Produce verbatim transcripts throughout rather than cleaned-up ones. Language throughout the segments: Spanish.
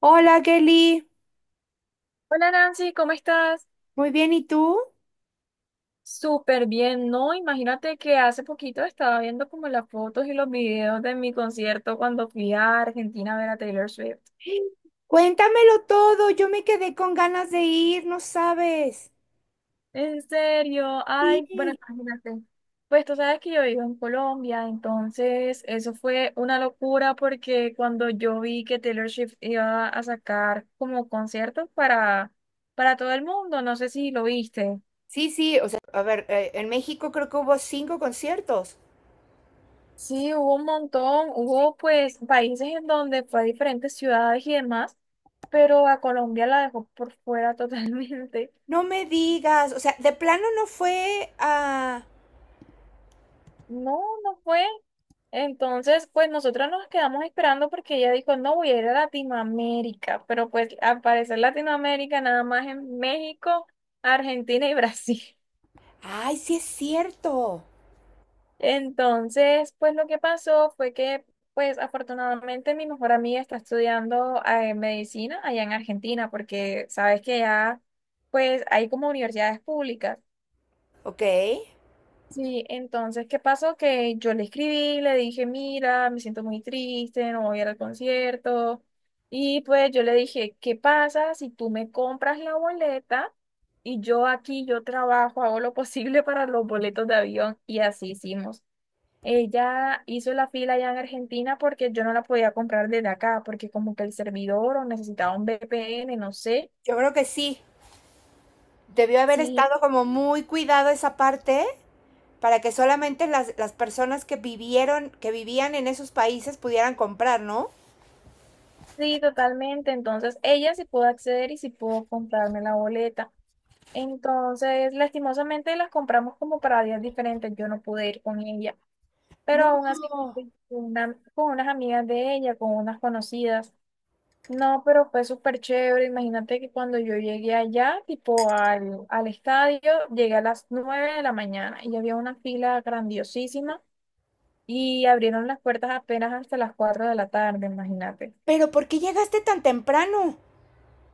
Hola, Kelly. Hola Nancy, ¿cómo estás? Muy bien, ¿y tú? Súper bien, ¿no? Imagínate que hace poquito estaba viendo como las fotos y los videos de mi concierto cuando fui a Argentina a ver a Taylor Swift. Cuéntamelo todo. Yo me quedé con ganas de ir, no sabes. En serio, ay, bueno, Sí. imagínate. Pues tú sabes que yo vivo en Colombia, entonces eso fue una locura porque cuando yo vi que Taylor Swift iba a sacar como conciertos para, para todo el mundo, no sé si lo viste. Sí, sí, o sea, a ver, eh, en México creo que hubo cinco conciertos. Sí, hubo un montón, hubo pues países en donde fue a diferentes ciudades y demás, pero a Colombia la dejó por fuera totalmente. No me digas, o sea, de plano no fue a... No, no fue. Entonces, pues nosotros nos quedamos esperando porque ella dijo, no, voy a ir a Latinoamérica, pero pues al parecer Latinoamérica nada más en México, Argentina y Brasil. Ay, sí es cierto. Entonces, pues lo que pasó fue que, pues afortunadamente mi mejor amiga está estudiando eh, medicina allá en Argentina, porque sabes que ya, pues hay como universidades públicas. Ok, Sí, entonces, ¿qué pasó? Que yo le escribí, le dije, mira, me siento muy triste, no voy a ir al concierto. Y pues yo le dije, ¿qué pasa si tú me compras la boleta? Y yo aquí, yo trabajo, hago lo posible para los boletos de avión y así hicimos. Ella hizo la fila allá en Argentina porque yo no la podía comprar desde acá, porque como que el servidor o necesitaba un V P N, no sé. yo creo que sí. Debió haber Sí, estado como muy cuidado esa parte para que solamente las, las personas que vivieron, que vivían en esos países pudieran comprar, ¿no? sí, totalmente. Entonces ella sí pudo acceder y sí pudo comprarme la boleta. Entonces, lastimosamente las compramos como para días diferentes. Yo no pude ir con ella, pero aún así No. fui con una, con unas amigas de ella, con unas conocidas. No, pero fue súper chévere. Imagínate que cuando yo llegué allá, tipo al, al estadio, llegué a las nueve de la mañana y había una fila grandiosísima y abrieron las puertas apenas hasta las cuatro de la tarde, imagínate. Pero ¿por qué llegaste tan temprano?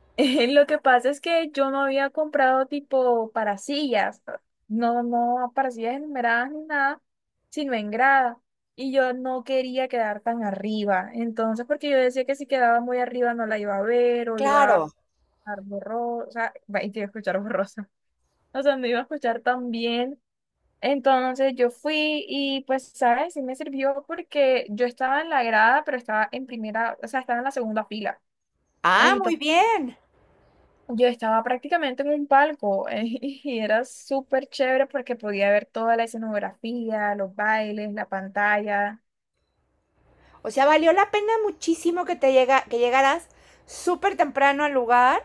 Lo que pasa es que yo no había comprado tipo para sillas, no, no para sillas enumeradas ni nada, sino en grada. Y yo no quería quedar tan arriba. Entonces, porque yo decía que si quedaba muy arriba no la iba a ver o iba Claro. escuchar borrosa, va, y te iba a escuchar borrosa, o sea, no iba a escuchar tan bien. Entonces yo fui y pues, ¿sabes? Sí me sirvió porque yo estaba en la grada, pero estaba en primera, o sea, estaba en la segunda fila. Ah, muy Entonces bien. yo estaba prácticamente en un palco y era súper chévere porque podía ver toda la escenografía, los bailes, la pantalla. O sea, valió la pena muchísimo que te llega, que llegaras súper temprano al lugar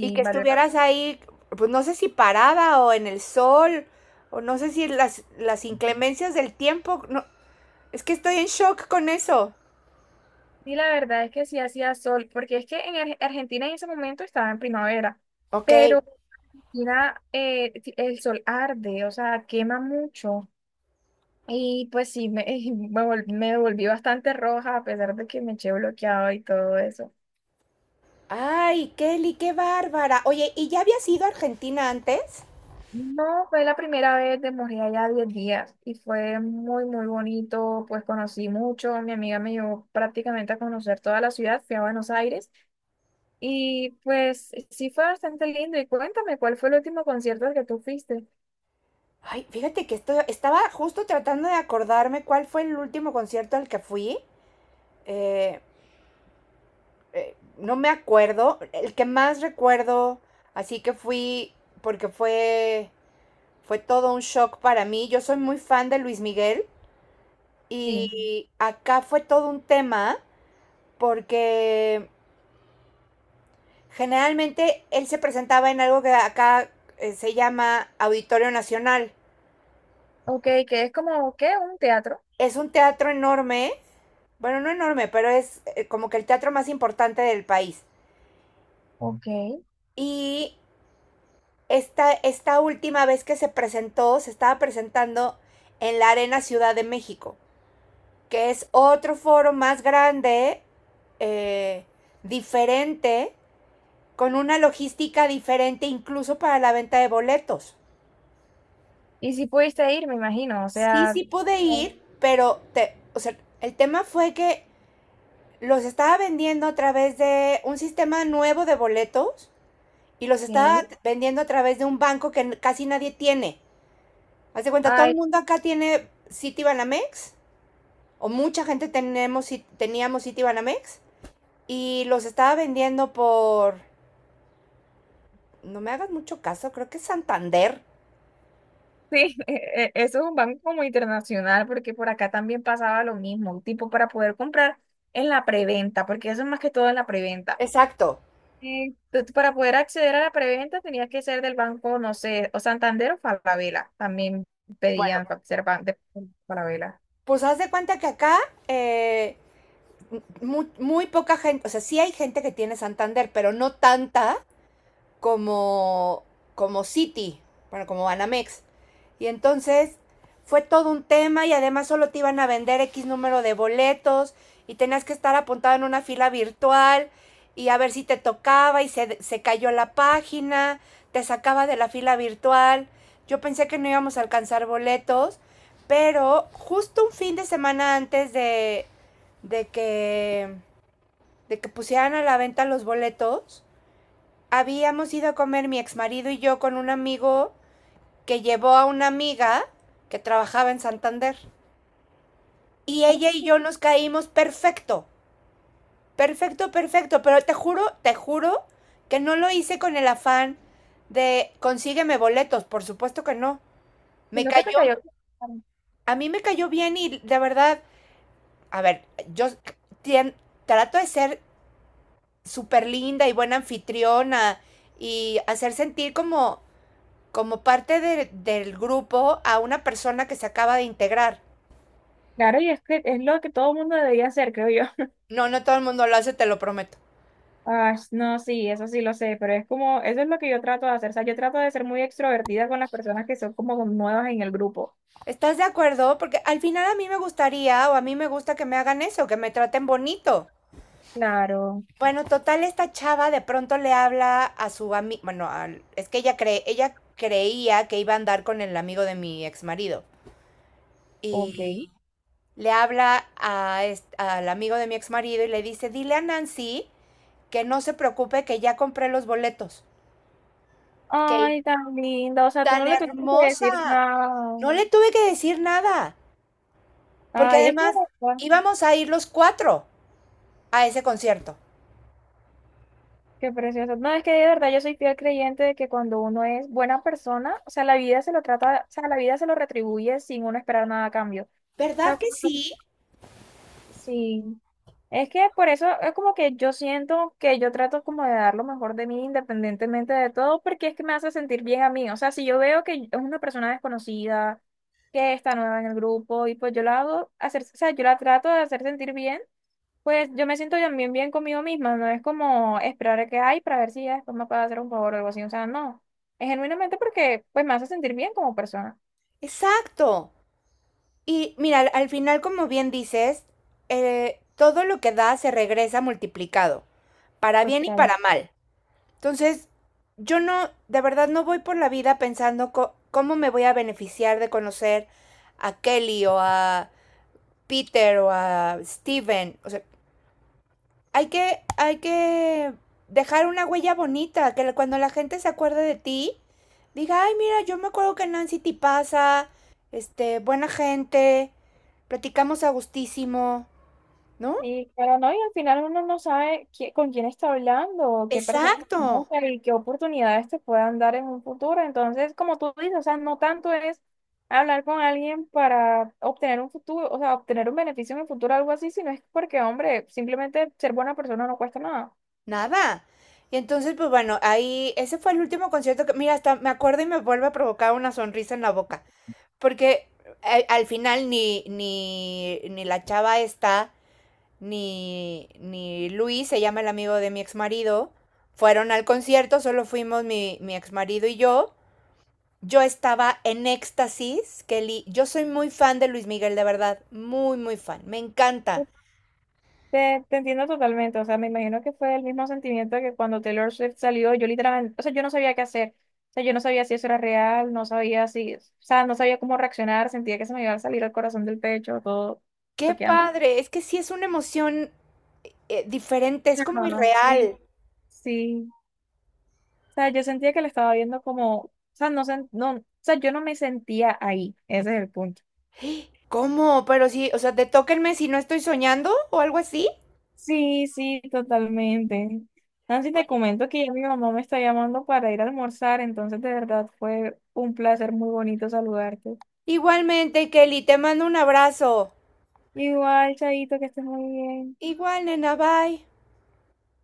y que valió. estuvieras ahí, pues no sé si parada o en el sol, o no sé si las, las inclemencias del tiempo. No, es que estoy en shock con eso. Sí, la verdad es que sí hacía sol, porque es que en Ar- Argentina en ese momento estaba en primavera, Ok. pero Argentina eh, ti- el sol arde, o sea, quema mucho. Y pues sí, me, me, vol- me volví bastante roja a pesar de que me eché bloqueado y todo eso. Ay, Kelly, qué bárbara. Oye, ¿y ya habías ido a Argentina antes? No, fue la primera vez, de morir allá diez días y fue muy, muy bonito, pues conocí mucho, mi amiga me llevó prácticamente a conocer toda la ciudad, fui a Buenos Aires. Y pues sí fue bastante lindo. Y cuéntame, ¿cuál fue el último concierto al que tú fuiste? Ay, fíjate que esto, estaba justo tratando de acordarme cuál fue el último concierto al que fui. eh, eh, no me acuerdo, el que más recuerdo, así que fui, porque fue, fue todo un shock para mí. Yo soy muy fan de Luis Miguel Sí. y acá fue todo un tema porque generalmente él se presentaba en algo que acá eh, se llama Auditorio Nacional. Ok, que es como, ¿qué? Un teatro. Es un teatro enorme, bueno, no enorme, pero es eh, como que el teatro más importante del país. Ok. Y esta, esta última vez que se presentó, se estaba presentando en la Arena Ciudad de México, que es otro foro más grande, eh, diferente, con una logística diferente incluso para la venta de boletos. Y si pudiste ir, me imagino. O Sí, sea, sí pude ok. ir, pero te, o sea, el tema fue que los estaba vendiendo a través de un sistema nuevo de boletos y los estaba vendiendo a través de un banco que casi nadie tiene. Haz de cuenta, todo el Ay, mundo acá tiene Citibanamex o mucha gente tenemos, teníamos Citibanamex y los estaba vendiendo por, no me hagas mucho caso, creo que es Santander. sí, e- e- eso es un banco como internacional, porque por acá también pasaba lo mismo, tipo para poder comprar en la preventa, porque eso es más que todo en la preventa. Exacto. Eh, tú- tú para poder acceder a la preventa tenías que ser del banco, no sé, o Santander o Falabella. También Bueno, pedían fa- ser ban- de Falabella. pues haz de cuenta que acá eh, muy, muy, poca gente, o sea, sí hay gente que tiene Santander, pero no tanta como, como City, bueno, como Banamex. Y entonces fue todo un tema y además solo te iban a vender X número de boletos y tenías que estar apuntado en una fila virtual y a ver si te tocaba y se, se cayó la página, te sacaba de la fila virtual. Yo pensé que no íbamos a alcanzar boletos, pero justo un fin de semana antes de, de que, de que pusieran a la venta los boletos, habíamos ido a comer mi exmarido y yo con un amigo que llevó a una amiga que trabajaba en Santander. Y ella y yo nos caímos perfecto, perfecto, perfecto, pero te juro, te juro que no lo hice con el afán de consígueme boletos, por supuesto que no. Me Sino que te cayó, cayó. a mí me cayó bien y de verdad, a ver, yo tien- trato de ser súper linda y buena anfitriona y hacer sentir como como parte de- del grupo a una persona que se acaba de integrar. Claro, y es que es lo que todo el mundo debería hacer, creo yo. No, no todo el mundo lo hace, te lo prometo. Ah, no, sí, eso sí lo sé, pero es como, eso es lo que yo trato de hacer. O sea, yo trato de ser muy extrovertida con las personas que son como nuevas en el grupo. ¿Estás de acuerdo? Porque al final a mí me gustaría o a mí me gusta que me hagan eso, que me traten bonito. Claro. Bueno, total, esta chava de pronto le habla a su amigo, bueno, al- es que ella, cree, ella creía que iba a andar con el amigo de mi ex marido. Ok. Y le habla a est- al amigo de mi ex marido y le dice, dile a Nancy que no se preocupe, que ya compré los boletos que Ay, tan linda. O sea, tú tan no le tuviste que decir hermosa. nada. No le tuve que decir nada, porque Ay, es que además íbamos a ir los cuatro a ese concierto. qué precioso. No, es que de verdad yo soy fiel creyente de que cuando uno es buena persona, o sea, la vida se lo trata, o sea, la vida se lo retribuye sin uno esperar nada a cambio. O sea, ¿Verdad que sí? sí. Es que por eso es como que yo siento que yo trato como de dar lo mejor de mí independientemente de todo, porque es que me hace sentir bien a mí. O sea, si yo veo que es una persona desconocida, que está nueva en el grupo, y pues yo la hago hacer, o sea, yo la trato de hacer sentir bien pues yo me siento también bien conmigo misma, no es como esperar a que hay para ver si ya después me puede hacer un favor o algo así, o sea, no, es genuinamente porque pues me hace sentir bien como persona. Exacto. Y mira, al, al final, como bien dices, eh, todo lo que da se regresa multiplicado, para bien y Total. para mal. Entonces, yo no, de verdad no voy por la vida pensando co- cómo me voy a beneficiar de conocer a Kelly o a Peter o a Steven. O sea, hay que, hay que dejar una huella bonita, que cuando la gente se acuerde de ti, diga, ay, mira, yo me acuerdo que Nancy te pasa, este, buena gente, platicamos a gustísimo, ¿no? Y claro, no, y al final uno no sabe qui- con quién está hablando, o qué personas Exacto, conoce y qué oportunidades te puedan dar en un futuro. Entonces, como tú dices, o sea, no tanto es hablar con alguien para obtener un futuro, o sea, obtener un beneficio en el futuro, algo así, sino es porque, hombre, simplemente ser buena persona no cuesta nada. nada. Y entonces, pues bueno, ahí, ese fue el último concierto que, mira, hasta me acuerdo y me vuelve a provocar una sonrisa en la boca, porque a- al final ni, ni, ni la chava esta ni, ni Luis, se llama el amigo de mi exmarido fueron al concierto, solo fuimos mi, mi exmarido y yo. Yo estaba en éxtasis, Kelly. Yo soy muy fan de Luis Miguel, de verdad. Muy, muy fan. Me encanta. Te, te entiendo totalmente, o sea, me imagino que fue el mismo sentimiento que cuando Taylor Swift salió, yo literalmente, o sea, yo no sabía qué hacer, o sea, yo no sabía si eso era real, no sabía si, o sea, no sabía cómo reaccionar, sentía que se me iba a salir el corazón del pecho, todo Qué bloqueando. padre. Es que sí es una emoción eh, diferente, es como Claro, sí. irreal. Sí, o sea, yo sentía que la estaba viendo como, o sea, no, sen- no, o sea, yo no me sentía ahí, ese es el punto. ¿Cómo? Pero sí, o sea, te tóquenme si no estoy soñando o algo así. Sí, sí, totalmente. Nancy, te Oye. comento que ya mi mamá me está llamando para ir a almorzar, entonces de verdad fue un placer muy bonito saludarte. Igualmente, Kelly, te mando un abrazo. Igual, Chaito, que estés muy bien. Igual, nena, bye.